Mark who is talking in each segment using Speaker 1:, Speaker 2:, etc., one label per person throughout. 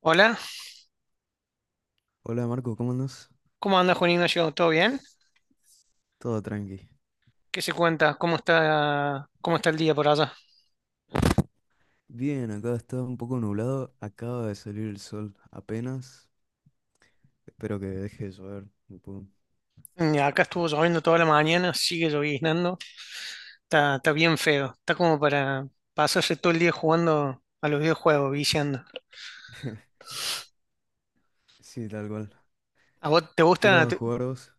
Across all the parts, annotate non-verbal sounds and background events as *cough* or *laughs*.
Speaker 1: Hola,
Speaker 2: Hola Marco, ¿cómo andas?
Speaker 1: ¿cómo anda Juan Ignacio? ¿Todo bien?
Speaker 2: Todo tranqui.
Speaker 1: ¿Qué se cuenta? ¿Cómo está el día por allá?
Speaker 2: Bien, acá está un poco nublado, acaba de salir el sol apenas. Espero que deje de llover un poco.
Speaker 1: Acá estuvo lloviendo toda la mañana, sigue lloviznando, está bien feo, está como para pasarse todo el día jugando a los videojuegos, viciando.
Speaker 2: *laughs* Sí, tal cual.
Speaker 1: ¿A vos te
Speaker 2: ¿Qué
Speaker 1: gusta?
Speaker 2: vas a jugar vos?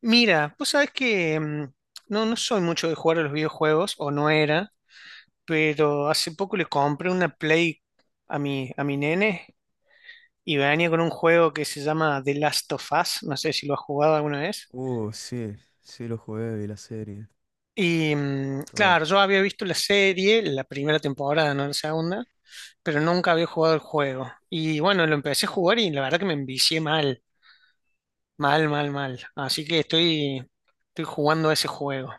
Speaker 1: Mira, vos sabés que no soy mucho de jugar a los videojuegos, o no era, pero hace poco le compré una Play a mi nene y venía con un juego que se llama The Last of Us, no sé si lo has jugado alguna vez.
Speaker 2: Sí, sí lo jugué, vi la serie,
Speaker 1: Y
Speaker 2: todo.
Speaker 1: claro, yo había visto la serie, la primera temporada, no la segunda, pero nunca había jugado el juego. Y bueno, lo empecé a jugar y la verdad que me envicié mal, mal, mal, mal. Así que estoy jugando ese juego.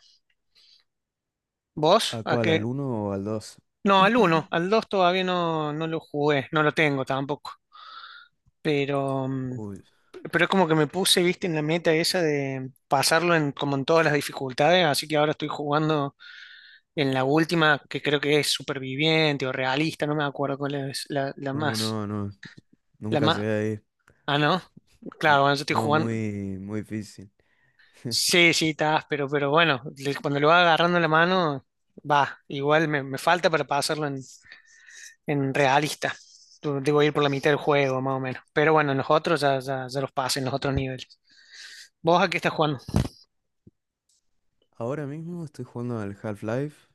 Speaker 1: ¿Vos?
Speaker 2: ¿A
Speaker 1: ¿A
Speaker 2: cuál? ¿Al
Speaker 1: qué?
Speaker 2: uno o al dos?
Speaker 1: No, al uno al
Speaker 2: *clears throat*
Speaker 1: 2 todavía no, no lo jugué, no lo tengo tampoco. Pero,
Speaker 2: Uy,
Speaker 1: pero es como que me puse, viste, en la meta esa de pasarlo en, como en todas las dificultades, así que ahora estoy jugando en la última, que creo que es superviviente o realista, no me acuerdo cuál es la más.
Speaker 2: no, no,
Speaker 1: La
Speaker 2: nunca
Speaker 1: más.
Speaker 2: llegué ahí.
Speaker 1: Ah, no.
Speaker 2: Nun-
Speaker 1: Claro, bueno, yo estoy
Speaker 2: No,
Speaker 1: jugando.
Speaker 2: muy, muy difícil. *laughs*
Speaker 1: Sí, sí, estás, pero bueno, cuando lo va agarrando la mano, va. Igual me falta para pasarlo en realista. Debo ir por la mitad del juego, más o menos. Pero bueno, en los otros ya los pasé en los otros niveles. ¿Vos a qué estás jugando?
Speaker 2: Ahora mismo estoy jugando al Half-Life,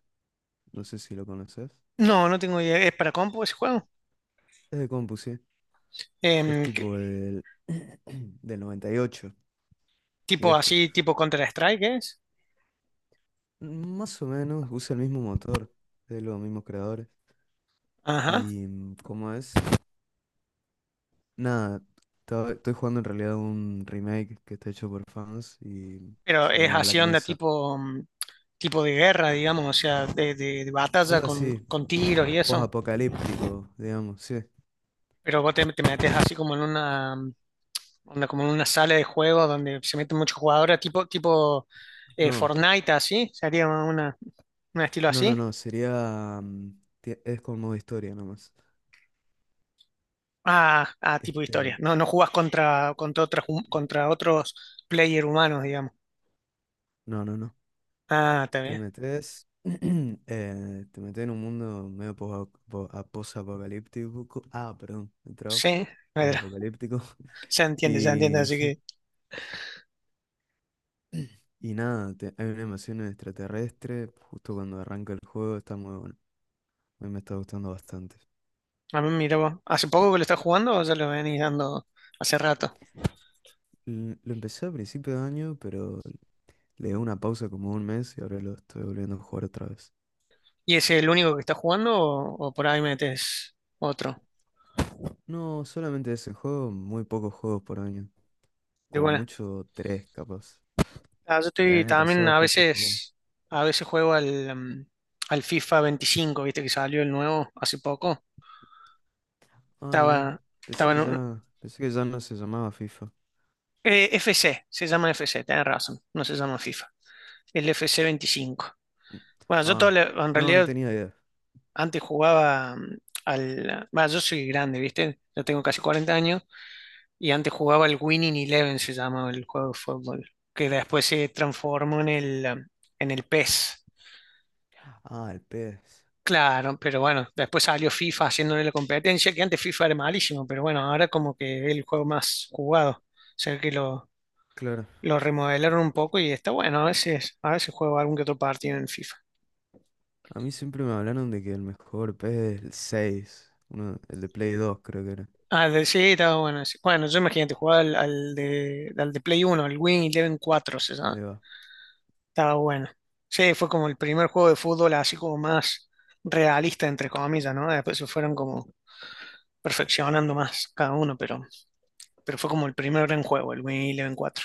Speaker 2: no sé si lo conoces.
Speaker 1: No, no tengo idea. ¿Es para compu ese juego?
Speaker 2: Es de compu, sí. Es
Speaker 1: Em, ¿qué-
Speaker 2: tipo del, *clears throat* del 98
Speaker 1: ¿Tipo
Speaker 2: viejo.
Speaker 1: así, tipo Counter-Strike es?
Speaker 2: Más o menos usa el mismo motor, de los mismos creadores.
Speaker 1: Ajá.
Speaker 2: Y como es, nada, estoy jugando en realidad un remake que está hecho por fans y
Speaker 1: Pero
Speaker 2: se
Speaker 1: es
Speaker 2: llama Black
Speaker 1: acción de
Speaker 2: Mesa.
Speaker 1: tipo, tipo de guerra, digamos, o sea, de batalla
Speaker 2: Algo así,
Speaker 1: con tiros y eso.
Speaker 2: post-apocalíptico, digamos, sí.
Speaker 1: Pero vos te metes así como en una, onda, como en una sala de juego donde se meten muchos jugadores, tipo,
Speaker 2: No,
Speaker 1: Fortnite, así, sería una, un estilo
Speaker 2: no, no,
Speaker 1: así.
Speaker 2: no, sería, es con modo historia nomás.
Speaker 1: Ah, tipo de historia.
Speaker 2: Este,
Speaker 1: No, no jugás contra contra otros player humanos, digamos.
Speaker 2: no, no, no.
Speaker 1: Ah, está
Speaker 2: Te
Speaker 1: bien.
Speaker 2: metes, *clears throat* te metes en un mundo medio posapocalíptico. Ah, perdón, me trabo.
Speaker 1: Sí, Pedro,
Speaker 2: Posapocalíptico.
Speaker 1: *laughs*
Speaker 2: *laughs*
Speaker 1: se entiende,
Speaker 2: Y,
Speaker 1: así que
Speaker 2: y nada, hay una invasión extraterrestre. Justo cuando arranca el juego está muy bueno. A mí me está gustando bastante.
Speaker 1: a mí mira vos. ¿Hace poco que lo estás jugando o ya lo venís dando hace rato?
Speaker 2: Lo empecé a principio de año, pero le di una pausa como un mes y ahora lo estoy volviendo a jugar otra vez.
Speaker 1: ¿Y es el único que está jugando o por ahí metes otro?
Speaker 2: No, solamente ese juego, muy pocos juegos por año.
Speaker 1: De
Speaker 2: Como
Speaker 1: buena.
Speaker 2: mucho, tres capaz.
Speaker 1: Ah, yo
Speaker 2: El
Speaker 1: estoy
Speaker 2: año
Speaker 1: también
Speaker 2: pasado justo jugué.
Speaker 1: a veces juego al, al FIFA 25, viste que salió el nuevo hace poco.
Speaker 2: Ah, mira.
Speaker 1: Estaba, estaba
Speaker 2: Pensé
Speaker 1: en
Speaker 2: que
Speaker 1: un-
Speaker 2: ya, pensé que ya no se llamaba FIFA.
Speaker 1: eh, FC, se llama FC, tenés razón, no se llama FIFA. El FC 25. Bueno, yo todo,
Speaker 2: Ah,
Speaker 1: en
Speaker 2: no, no
Speaker 1: realidad
Speaker 2: tenía idea.
Speaker 1: antes jugaba al... Bueno, yo soy grande, viste, yo tengo casi 40 años. Y antes jugaba el Winning Eleven, se llamaba el juego de fútbol, que después se transformó en el, en el PES.
Speaker 2: Ah, el PES.
Speaker 1: Claro, pero bueno, después salió FIFA haciéndole la competencia, que antes FIFA era malísimo, pero bueno, ahora como que es el juego más jugado. O sea que
Speaker 2: Claro.
Speaker 1: lo remodelaron un poco y está bueno, a veces juego algún que otro partido en FIFA.
Speaker 2: A mí siempre me hablaron de que el mejor PES es el 6, uno, el de Play 2, creo que era.
Speaker 1: Ah, de, sí, está bueno. Sí. Bueno, yo imagínate, jugaba al de, al de Play Uno, el Win Eleven cuatro se llama.
Speaker 2: Ahí va.
Speaker 1: Estaba bueno. Sí, fue como el primer juego de fútbol así como más realista, entre comillas, ¿no? Después se fueron como perfeccionando más cada uno, pero fue como el primer gran juego, el Win Eleven cuatro.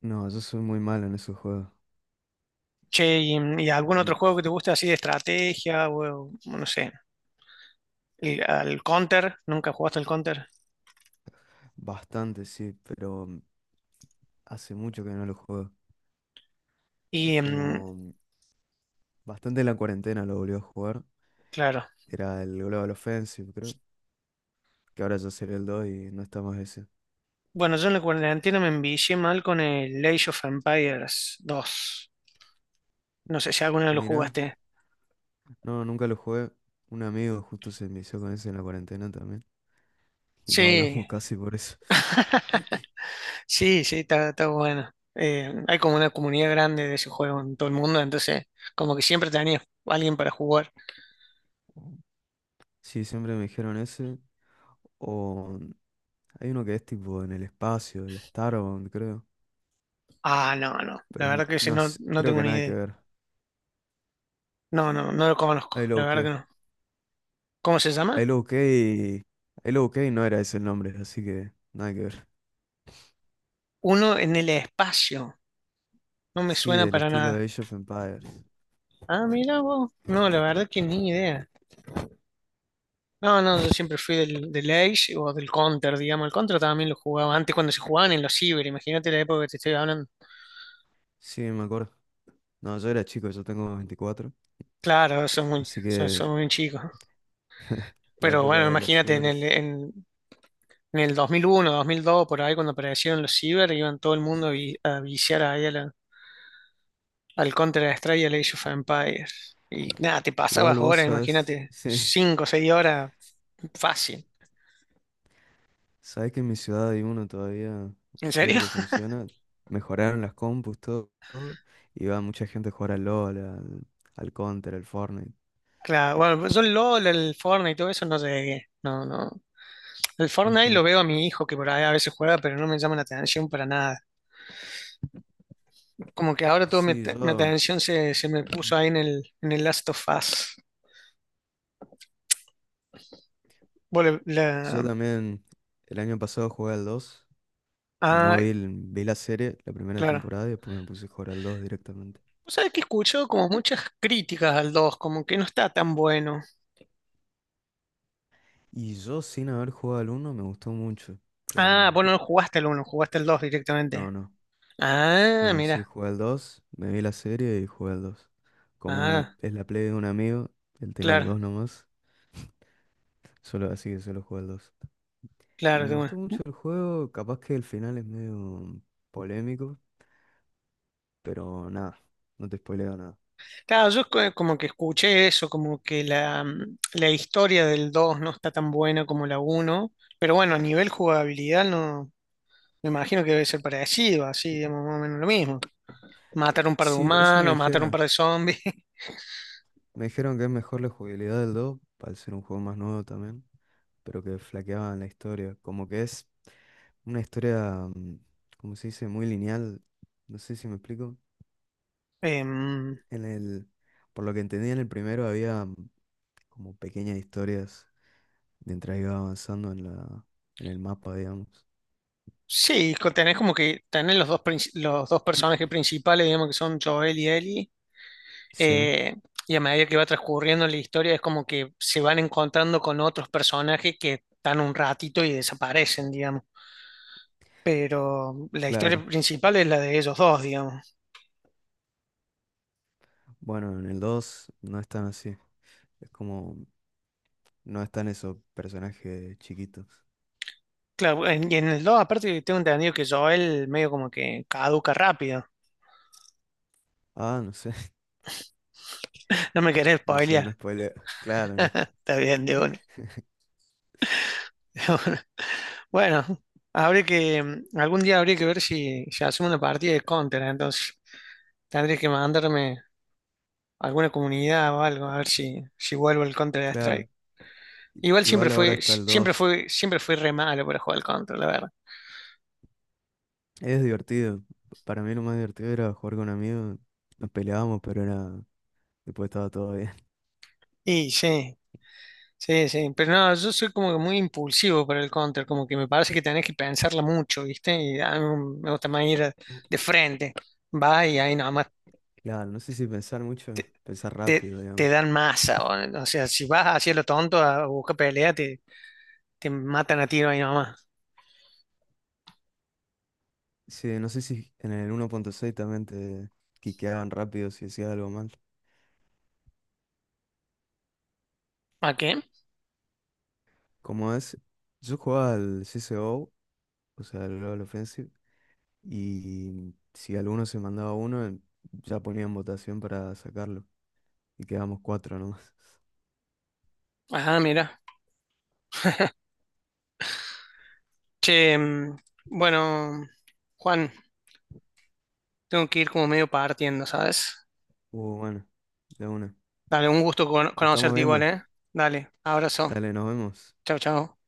Speaker 2: No, yo soy muy malo en esos juegos.
Speaker 1: Che, ¿y, y algún otro
Speaker 2: Mm,
Speaker 1: juego que te guste así de estrategia o no sé, el, al Counter? ¿Nunca jugaste al Counter?
Speaker 2: bastante, sí, pero hace mucho que no lo juego. Es
Speaker 1: Y
Speaker 2: como bastante en la cuarentena lo volví a jugar.
Speaker 1: claro.
Speaker 2: Era el Global Offensive, creo. Que ahora ya sería el 2 y no está más ese.
Speaker 1: Bueno, yo en la cuarentena me envicié mal con el Age of Empires dos. No sé si alguna vez lo
Speaker 2: Mira,
Speaker 1: jugaste.
Speaker 2: no, nunca lo jugué. Un amigo justo se envició con ese en la cuarentena también. Y no
Speaker 1: Sí,
Speaker 2: hablamos *laughs* casi por eso.
Speaker 1: sí, sí, está, está bueno. Hay como una comunidad grande de ese juego en todo el mundo, entonces como que siempre tenía alguien para jugar.
Speaker 2: Sí, siempre me dijeron ese. O hay uno que es tipo en el espacio, el Starbound, creo.
Speaker 1: Ah, no, no,
Speaker 2: Pero
Speaker 1: la
Speaker 2: es
Speaker 1: verdad que ese
Speaker 2: no sé,
Speaker 1: no
Speaker 2: creo
Speaker 1: tengo
Speaker 2: que
Speaker 1: ni
Speaker 2: nada que
Speaker 1: idea.
Speaker 2: ver.
Speaker 1: No, no, no lo conozco,
Speaker 2: Ahí lo
Speaker 1: la verdad que
Speaker 2: busqué.
Speaker 1: no. ¿Cómo se
Speaker 2: Ahí
Speaker 1: llama?
Speaker 2: lo busqué y. Ahí lo busqué y no era ese el nombre, así que nada que ver.
Speaker 1: Uno en el espacio. No me
Speaker 2: Sí,
Speaker 1: suena
Speaker 2: del
Speaker 1: para
Speaker 2: estilo
Speaker 1: nada.
Speaker 2: de Age of Empires.
Speaker 1: Ah, mira vos. No, la verdad que ni idea. No, no, yo siempre fui del Age o del Counter, digamos. El Counter también lo jugaba antes cuando se jugaban en los ciber. Imagínate la época que te estoy hablando.
Speaker 2: Sí, me acuerdo. No, yo era chico, yo tengo 24.
Speaker 1: Claro, son muy,
Speaker 2: Así que
Speaker 1: son muy chicos.
Speaker 2: la
Speaker 1: Pero
Speaker 2: época
Speaker 1: bueno,
Speaker 2: de los
Speaker 1: imagínate
Speaker 2: cibers.
Speaker 1: en el 2001, 2002, por ahí cuando aparecieron los ciber, iban todo el mundo a viciar ahí a al Counter-Strike y al Age of Empires. Y nada, te
Speaker 2: Igual
Speaker 1: pasabas
Speaker 2: vos
Speaker 1: horas,
Speaker 2: sabes. *laughs*
Speaker 1: imagínate,
Speaker 2: Sí,
Speaker 1: 5 o 6 horas, fácil.
Speaker 2: sabes que en mi ciudad hay uno todavía, un
Speaker 1: ¿En
Speaker 2: ciber
Speaker 1: serio?
Speaker 2: que
Speaker 1: *laughs*
Speaker 2: funciona. Mejoraron las compus, todo, todo, y va mucha gente a jugar al LOL, al Counter, al Fortnite.
Speaker 1: Claro, bueno, yo el LOL, el Fortnite y todo eso no llegué. No, no. El Fortnite
Speaker 2: Ujú.
Speaker 1: lo veo a mi hijo que por ahí a veces juega, pero no me llama la atención para nada. Como que ahora toda
Speaker 2: Sí,
Speaker 1: mi
Speaker 2: yo,
Speaker 1: atención se me puso ahí en el Last of Us. Bueno,
Speaker 2: yo
Speaker 1: la...
Speaker 2: también el año pasado jugué al 2. No
Speaker 1: Ah,
Speaker 2: vi, vi la serie, la primera
Speaker 1: claro.
Speaker 2: temporada, y después me puse a jugar al 2 directamente.
Speaker 1: Vos sabés que escucho como muchas críticas al 2, como que no está tan bueno.
Speaker 2: Y yo sin haber jugado al uno me gustó mucho,
Speaker 1: Ah,
Speaker 2: pero
Speaker 1: vos no jugaste el uno, jugaste el 2 directamente.
Speaker 2: no, no.
Speaker 1: Ah,
Speaker 2: No, sí,
Speaker 1: mira.
Speaker 2: jugué al 2, me vi la serie y jugué al 2. Como
Speaker 1: Ah,
Speaker 2: es la play de un amigo, él tenía el
Speaker 1: claro,
Speaker 2: 2 nomás. Solo así que solo jugué el dos. Y
Speaker 1: claro,
Speaker 2: me
Speaker 1: de
Speaker 2: gustó
Speaker 1: una.
Speaker 2: mucho el juego, capaz que el final es medio polémico, pero nada, no te spoileo nada.
Speaker 1: Claro, yo como que escuché eso, como que la, la historia del 2 no está tan buena como la uno, pero bueno, a nivel jugabilidad no, me imagino que debe ser parecido, así, digamos, más o menos lo mismo. Matar un par de
Speaker 2: Sí, eso me
Speaker 1: humanos, matar un
Speaker 2: dijeron.
Speaker 1: par de zombies. *laughs*
Speaker 2: Me dijeron que es mejor la jugabilidad del 2 al ser un juego más nuevo también, pero que flaqueaban la historia. Como que es una historia, como se dice, muy lineal. No sé si me explico.
Speaker 1: Em,
Speaker 2: En el, por lo que entendí en el primero había como pequeñas historias mientras iba avanzando en el mapa, digamos.
Speaker 1: sí, tenés como que tenés los dos, los dos personajes principales, digamos que son Joel y Ellie,
Speaker 2: Sí.
Speaker 1: eh, y a medida que va transcurriendo la historia es como que se van encontrando con otros personajes que están un ratito y desaparecen, digamos. Pero la historia
Speaker 2: Claro,
Speaker 1: principal es la de ellos dos, digamos.
Speaker 2: bueno, en el 2 no es tan así, es como, no están esos personajes chiquitos.
Speaker 1: Claro, y en el 2 aparte tengo entendido que Joel medio como que caduca rápido.
Speaker 2: Ah, no sé, *laughs*
Speaker 1: *laughs* No me querés
Speaker 2: no sé, no
Speaker 1: spoilear.
Speaker 2: spoiler. Claro, no.
Speaker 1: *laughs* Está bien, de una. *laughs* Bueno, habría que, algún día habría que ver si hacemos una partida de Counter, entonces tendría que mandarme a alguna comunidad o algo, a ver si vuelvo al Counter
Speaker 2: Claro,
Speaker 1: Strike.
Speaker 2: i-
Speaker 1: Igual siempre
Speaker 2: igual ahora
Speaker 1: fue,
Speaker 2: está
Speaker 1: si,
Speaker 2: el
Speaker 1: siempre
Speaker 2: dos.
Speaker 1: fue, siempre fui re malo para jugar al Counter, la verdad.
Speaker 2: Es divertido, para mí lo más divertido era jugar con amigos, nos peleábamos, pero era, después estaba todo bien.
Speaker 1: Y sí, sí, sí. Pero no, yo soy como que muy impulsivo para el Counter, como que me parece que tenés que pensarla mucho, ¿viste? Y a mí me gusta más ir de
Speaker 2: *laughs*
Speaker 1: frente. Va y ahí nomás
Speaker 2: Claro, no sé si pensar mucho,
Speaker 1: te,
Speaker 2: pensar rápido,
Speaker 1: te
Speaker 2: digamos.
Speaker 1: dan masa. O sea, si vas hacia lo tonto a buscar pelea, te matan a tiro ahí nomás.
Speaker 2: Sí, no sé si en el 1.6 también te quiqueaban rápido si decías algo mal.
Speaker 1: ¿A qué?
Speaker 2: Como es, yo jugaba al CSGO o sea, del Global Offensive. Y si alguno se mandaba uno, ya ponían votación para sacarlo. Y quedamos cuatro nomás. *laughs*
Speaker 1: Ajá, mira. Che, bueno, Juan, tengo que ir como medio partiendo, ¿sabes?
Speaker 2: Bueno, de una.
Speaker 1: Dale, un gusto
Speaker 2: Nos estamos
Speaker 1: conocerte igual,
Speaker 2: viendo.
Speaker 1: ¿eh? Dale, abrazo.
Speaker 2: Dale, nos vemos.
Speaker 1: Chao, chao.